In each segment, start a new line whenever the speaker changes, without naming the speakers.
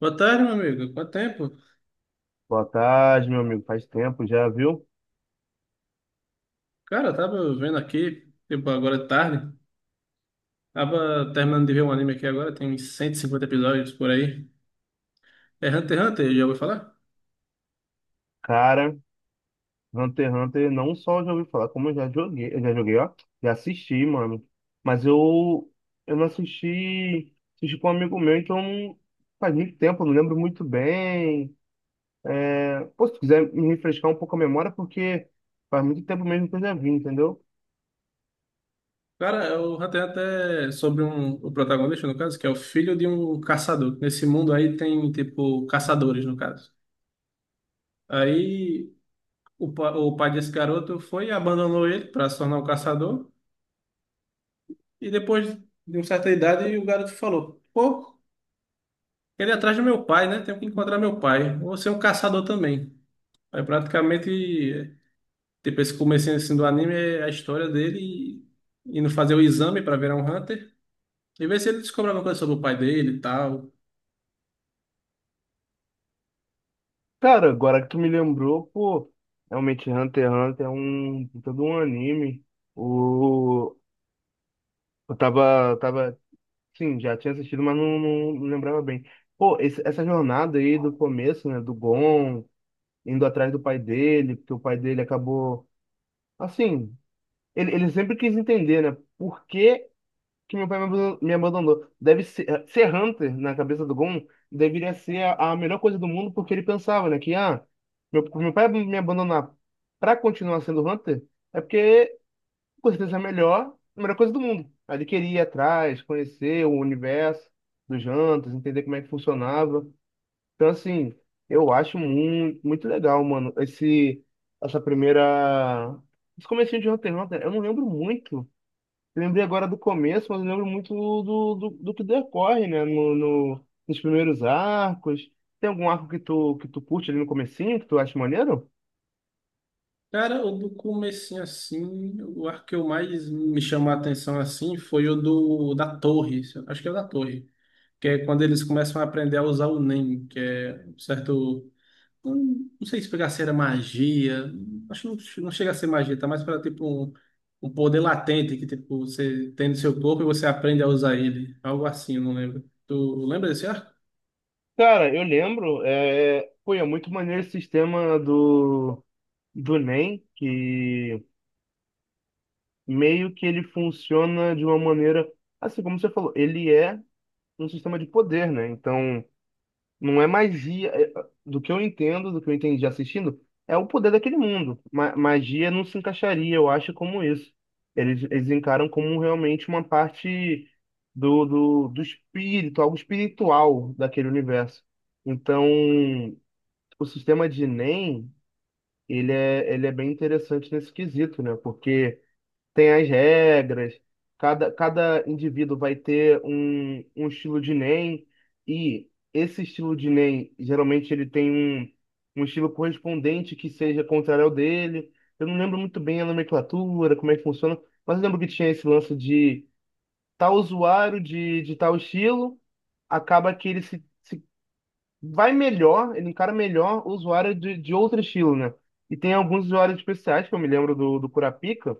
Boa tarde, meu amigo. Quanto tempo?
Boa tarde, meu amigo. Faz tempo já, viu?
Cara, eu tava vendo aqui, tipo, agora de tarde. Tava terminando de ver um anime aqui agora, tem uns 150 episódios por aí. É Hunter x Hunter, já ouviu falar?
Cara, Hunter x Hunter não só já ouvi falar, como eu já joguei, ó, já assisti, mano. Mas eu não assisti, assisti com um amigo meu, então faz muito tempo, não lembro muito bem. Pô, se quiser me refrescar um pouco a memória, porque faz muito tempo mesmo que eu já vi, entendeu?
Cara, é o Hunter x Hunter é sobre o protagonista, no caso, que é o filho de um caçador. Nesse mundo aí tem, tipo, caçadores, no caso. Aí o pai desse garoto foi e abandonou ele para se tornar um caçador. E depois de uma certa idade, o garoto falou: Pô, ele é atrás do meu pai, né? Tenho que encontrar meu pai. Vou ser um caçador também. Aí praticamente, tipo, esse comecinho assim, do anime é a história dele indo fazer o exame para virar um Hunter e ver se ele descobre alguma coisa sobre o pai dele e tal.
Cara, agora que tu me lembrou, pô, realmente Hunter x Hunter é um todo um anime. O Eu tava. Sim, já tinha assistido, mas não lembrava bem. Pô, essa jornada aí do começo, né, do Gon, indo atrás do pai dele, porque o pai dele acabou. Assim, ele sempre quis entender, né, por que que meu pai me abandon- me abandonou. Deve ser Hunter na cabeça do Gon deveria ser a melhor coisa do mundo, porque ele pensava, né, que, ah, meu pai me abandonar pra continuar sendo Hunter é porque com certeza a melhor coisa do mundo. Aí queria ir atrás, conhecer o universo dos jantos, entender como é que funcionava. Então, assim, eu acho muito, muito legal, mano, essa primeira. Esse comecinho de Hunter x Hunter, eu não lembro muito. Eu lembrei agora do começo, mas eu lembro muito do que decorre, né, nos primeiros arcos. Tem algum arco que tu curte ali no comecinho, que tu acha maneiro?
Cara, o do comecinho assim, o arco que eu mais me chamou a atenção assim foi o do da torre, acho que é o da torre, que é quando eles começam a aprender a usar o Nen, que é um certo. Não, não sei se pegar se era magia. Acho que não, não chega a ser magia, tá mais para tipo um poder latente que tipo você tem no seu corpo e você aprende a usar ele. Algo assim, eu não lembro. Tu lembra desse arco?
Cara, eu lembro, é, pô, é muito maneiro esse sistema do Enem, que meio que ele funciona de uma maneira, assim como você falou, ele é um sistema de poder, né? Então, não é magia, do que eu entendo, do que eu entendi assistindo, é o poder daquele mundo. Magia não se encaixaria, eu acho, como isso. Eles encaram como realmente uma parte do espírito, algo espiritual daquele universo. Então, o sistema de Enem, ele é bem interessante nesse quesito, né? Porque tem as regras, cada indivíduo vai ter um, um, estilo de NEM, e esse estilo de NEM, geralmente ele tem um estilo correspondente que seja contrário ao dele. Eu não lembro muito bem a nomenclatura, como é que funciona, mas eu lembro que tinha esse lance de tal usuário de tal estilo, acaba que ele se vai melhor, ele encara melhor o usuário de outro estilo, né? E tem alguns usuários especiais, que eu me lembro do Kurapika,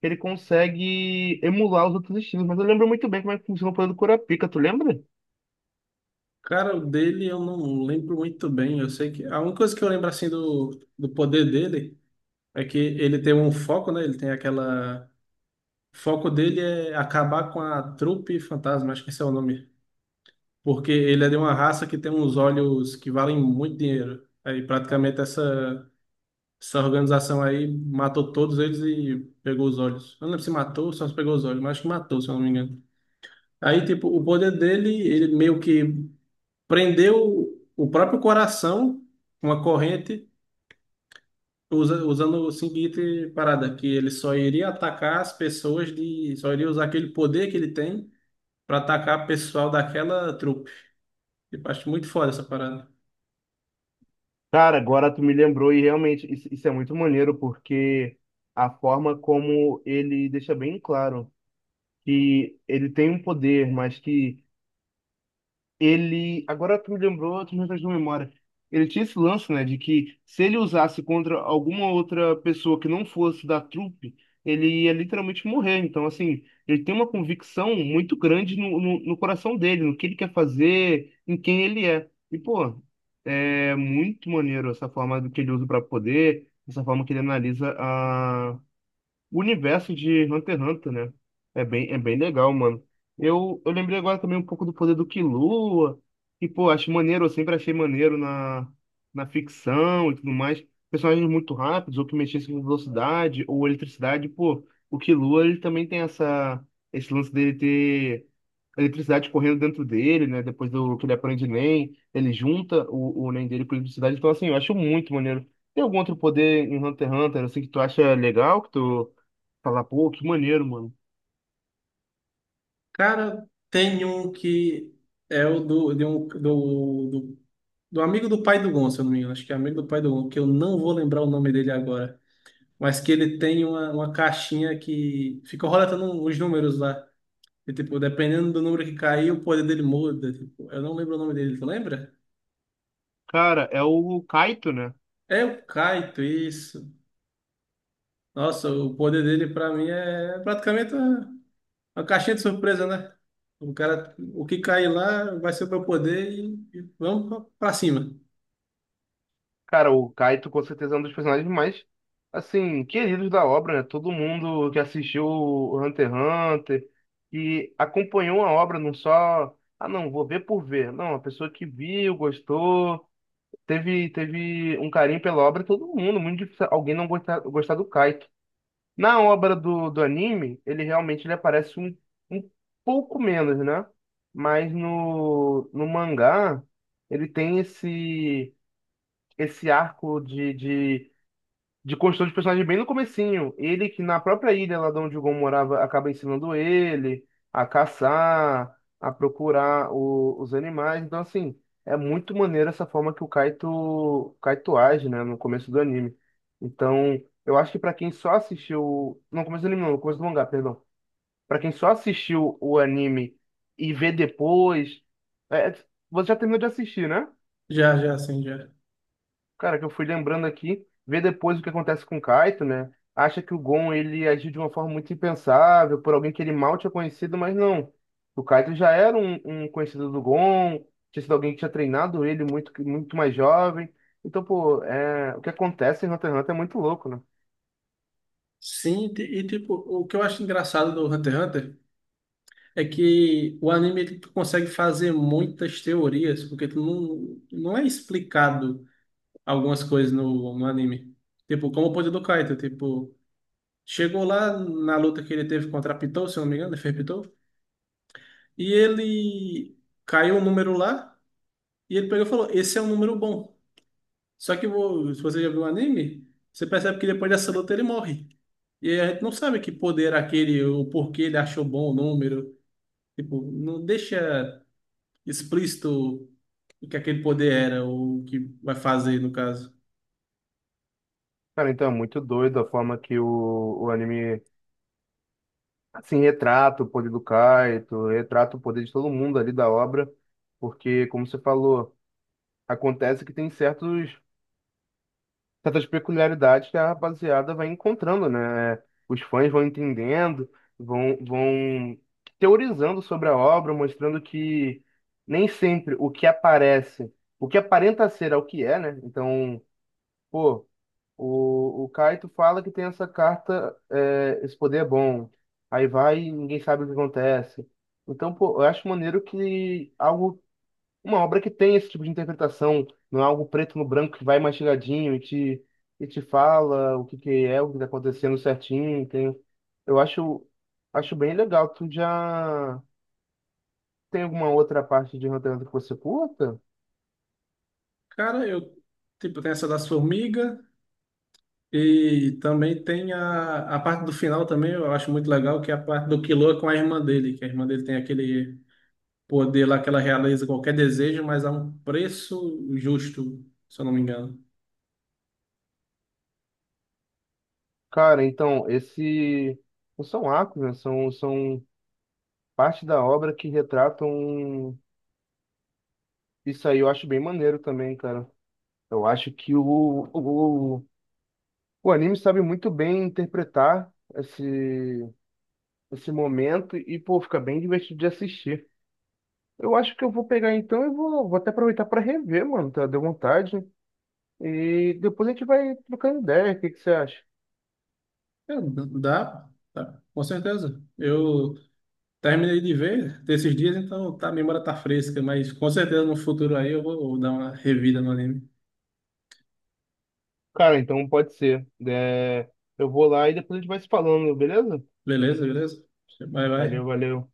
que ele consegue emular os outros estilos, mas eu lembro muito bem como é que funciona o poder do Kurapika, tu lembra?
Cara, o dele eu não lembro muito bem. Eu sei que a única coisa que eu lembro assim do poder dele é que ele tem um foco, né? Ele tem aquela. O foco dele é acabar com a trupe fantasma, acho que esse é o nome. Porque ele é de uma raça que tem uns olhos que valem muito dinheiro. Aí praticamente essa. Essa organização aí matou todos eles e pegou os olhos. Eu não lembro se matou ou só se pegou os olhos, mas acho que matou, se eu não me engano. Aí, tipo, o poder dele, ele meio que prendeu o próprio coração com uma corrente, usando o seguinte parada, que ele só iria atacar as pessoas Só iria usar aquele poder que ele tem para atacar o pessoal daquela trupe. Tipo, acho muito foda essa parada.
Cara, agora tu me lembrou e realmente isso é muito maneiro, porque a forma como ele deixa bem claro que ele tem um poder, mas que ele. Agora tu me lembrou, tu me fez de memória. Ele tinha esse lance, né, de que se ele usasse contra alguma outra pessoa que não fosse da trupe, ele ia literalmente morrer. Então, assim, ele tem uma convicção muito grande no coração dele, no que ele quer fazer, em quem ele é. E, pô, é muito maneiro essa forma do que ele usa para poder, essa forma que ele analisa o universo de Hunter x Hunter, né? É bem legal, mano. Eu lembrei agora também um pouco do poder do Killua, que, pô, acho maneiro, eu sempre achei maneiro na ficção e tudo mais. Personagens muito rápidos, ou que mexessem com velocidade, ou eletricidade, pô. O Killua, ele também tem esse lance dele ter eletricidade correndo dentro dele, né? Depois do que ele aprende Nen, ele junta o Nen dele com eletricidade. Então, assim, eu acho muito maneiro. Tem algum outro poder em Hunter x Hunter, assim, que tu acha legal, que tu falar, pô, que maneiro, mano.
Cara, tem um que é o do, de um, do, do Do amigo do pai do Gon, se eu não me engano. Acho que é amigo do pai do Gon, que eu não vou lembrar o nome dele agora. Mas que ele tem uma caixinha que fica roletando os números lá. E, tipo, dependendo do número que cair, o poder dele muda. Tipo, eu não lembro o nome dele, tu lembra?
Cara, é o Kaito, né?
É o Kaito, isso. Nossa, o poder dele pra mim é praticamente uma caixinha de surpresa, né? O cara, o que cair lá vai ser o meu poder e vamos pra cima.
Cara, o Kaito com certeza é um dos personagens mais, assim, queridos da obra, né? Todo mundo que assistiu o Hunter x Hunter e acompanhou a obra, não só, ah, não, vou ver por ver. Não, a pessoa que viu, gostou, teve um carinho pela obra, todo mundo, muito difícil alguém não gostar, gostar do Kaito. Na obra do anime, ele realmente ele aparece um, pouco menos, né? Mas no mangá, ele tem esse arco de construção de personagem bem no comecinho. Ele que na própria ilha lá de onde o Gon morava acaba ensinando ele a caçar, a procurar os animais. Então, assim, é muito maneiro essa forma que o Kaito age, né, no começo do anime. Então, eu acho que pra quem só assistiu. Não, no começo do anime, não, no começo do mangá, perdão. Pra quem só assistiu o anime e vê depois. é, Você já terminou de assistir, né?
Já, já.
Cara, que eu fui lembrando aqui, ver depois o que acontece com o Kaito, né? Acha que o Gon ele agiu de uma forma muito impensável, por alguém que ele mal tinha conhecido, mas não. O Kaito já era um, conhecido do Gon, tinha sido alguém que tinha treinado ele muito, muito mais jovem. Então, pô, é, o que acontece em Hunter x Hunter é muito louco, né?
Sim, e tipo, o que eu acho engraçado do Hunter x Hunter. É que o anime ele tu consegue fazer muitas teorias, porque tu não é explicado algumas coisas no anime. Tipo, como o poder do Kaito, tipo, chegou lá na luta que ele teve contra a Pitou, se eu não me engano, ele fez Pitou, e ele caiu um número lá, e ele pegou e falou, esse é um número bom. Só que se você já viu o anime, você percebe que depois dessa luta ele morre. E aí a gente não sabe que poder era aquele, o porquê ele achou bom o número. Tipo, não deixa explícito e que aquele poder era, ou o que vai fazer, no caso.
Cara, então é muito doido a forma que o anime, assim, retrata o poder do Kaito, retrata o poder de todo mundo ali da obra, porque, como você falou, acontece que tem certos certas peculiaridades que a rapaziada vai encontrando, né? É, os fãs vão entendendo, vão teorizando sobre a obra, mostrando que nem sempre o que aparece, o que aparenta ser é o que é, né? Então, pô, o Kaito fala que tem essa carta, esse poder é bom. Aí vai e ninguém sabe o que acontece. Então, pô, eu acho maneiro que algo uma obra que tem esse tipo de interpretação, não é algo preto no branco que vai mastigadinho e te fala o que que é, o que está acontecendo certinho. Tem, eu acho bem legal. Tu já tem alguma outra parte de Hunter x Hunter que você curta?
Cara, eu, tipo, tem essa das formigas e também tem a parte do final também, eu acho muito legal, que é a parte do Killua com a irmã dele, que a irmã dele tem aquele poder lá que ela realiza qualquer desejo, mas a um preço justo, se eu não me engano.
Cara, então, esse não são arcos, né? São parte da obra que retratam isso aí, eu acho bem maneiro também, cara. Eu acho que o anime sabe muito bem interpretar esse momento e, pô, fica bem divertido de assistir. Eu acho que eu vou pegar então e vou até aproveitar para rever, mano, tá? Deu vontade. E depois a gente vai trocando ideia, o que que você acha?
É, dá, dá, com certeza. Eu terminei de ver desses dias, então tá, a memória tá fresca, mas com certeza no futuro aí eu vou dar uma revida no anime.
Cara, então pode ser. É, eu vou lá e depois a gente vai se falando, beleza?
Beleza, beleza? Bye,
Valeu,
bye.
valeu.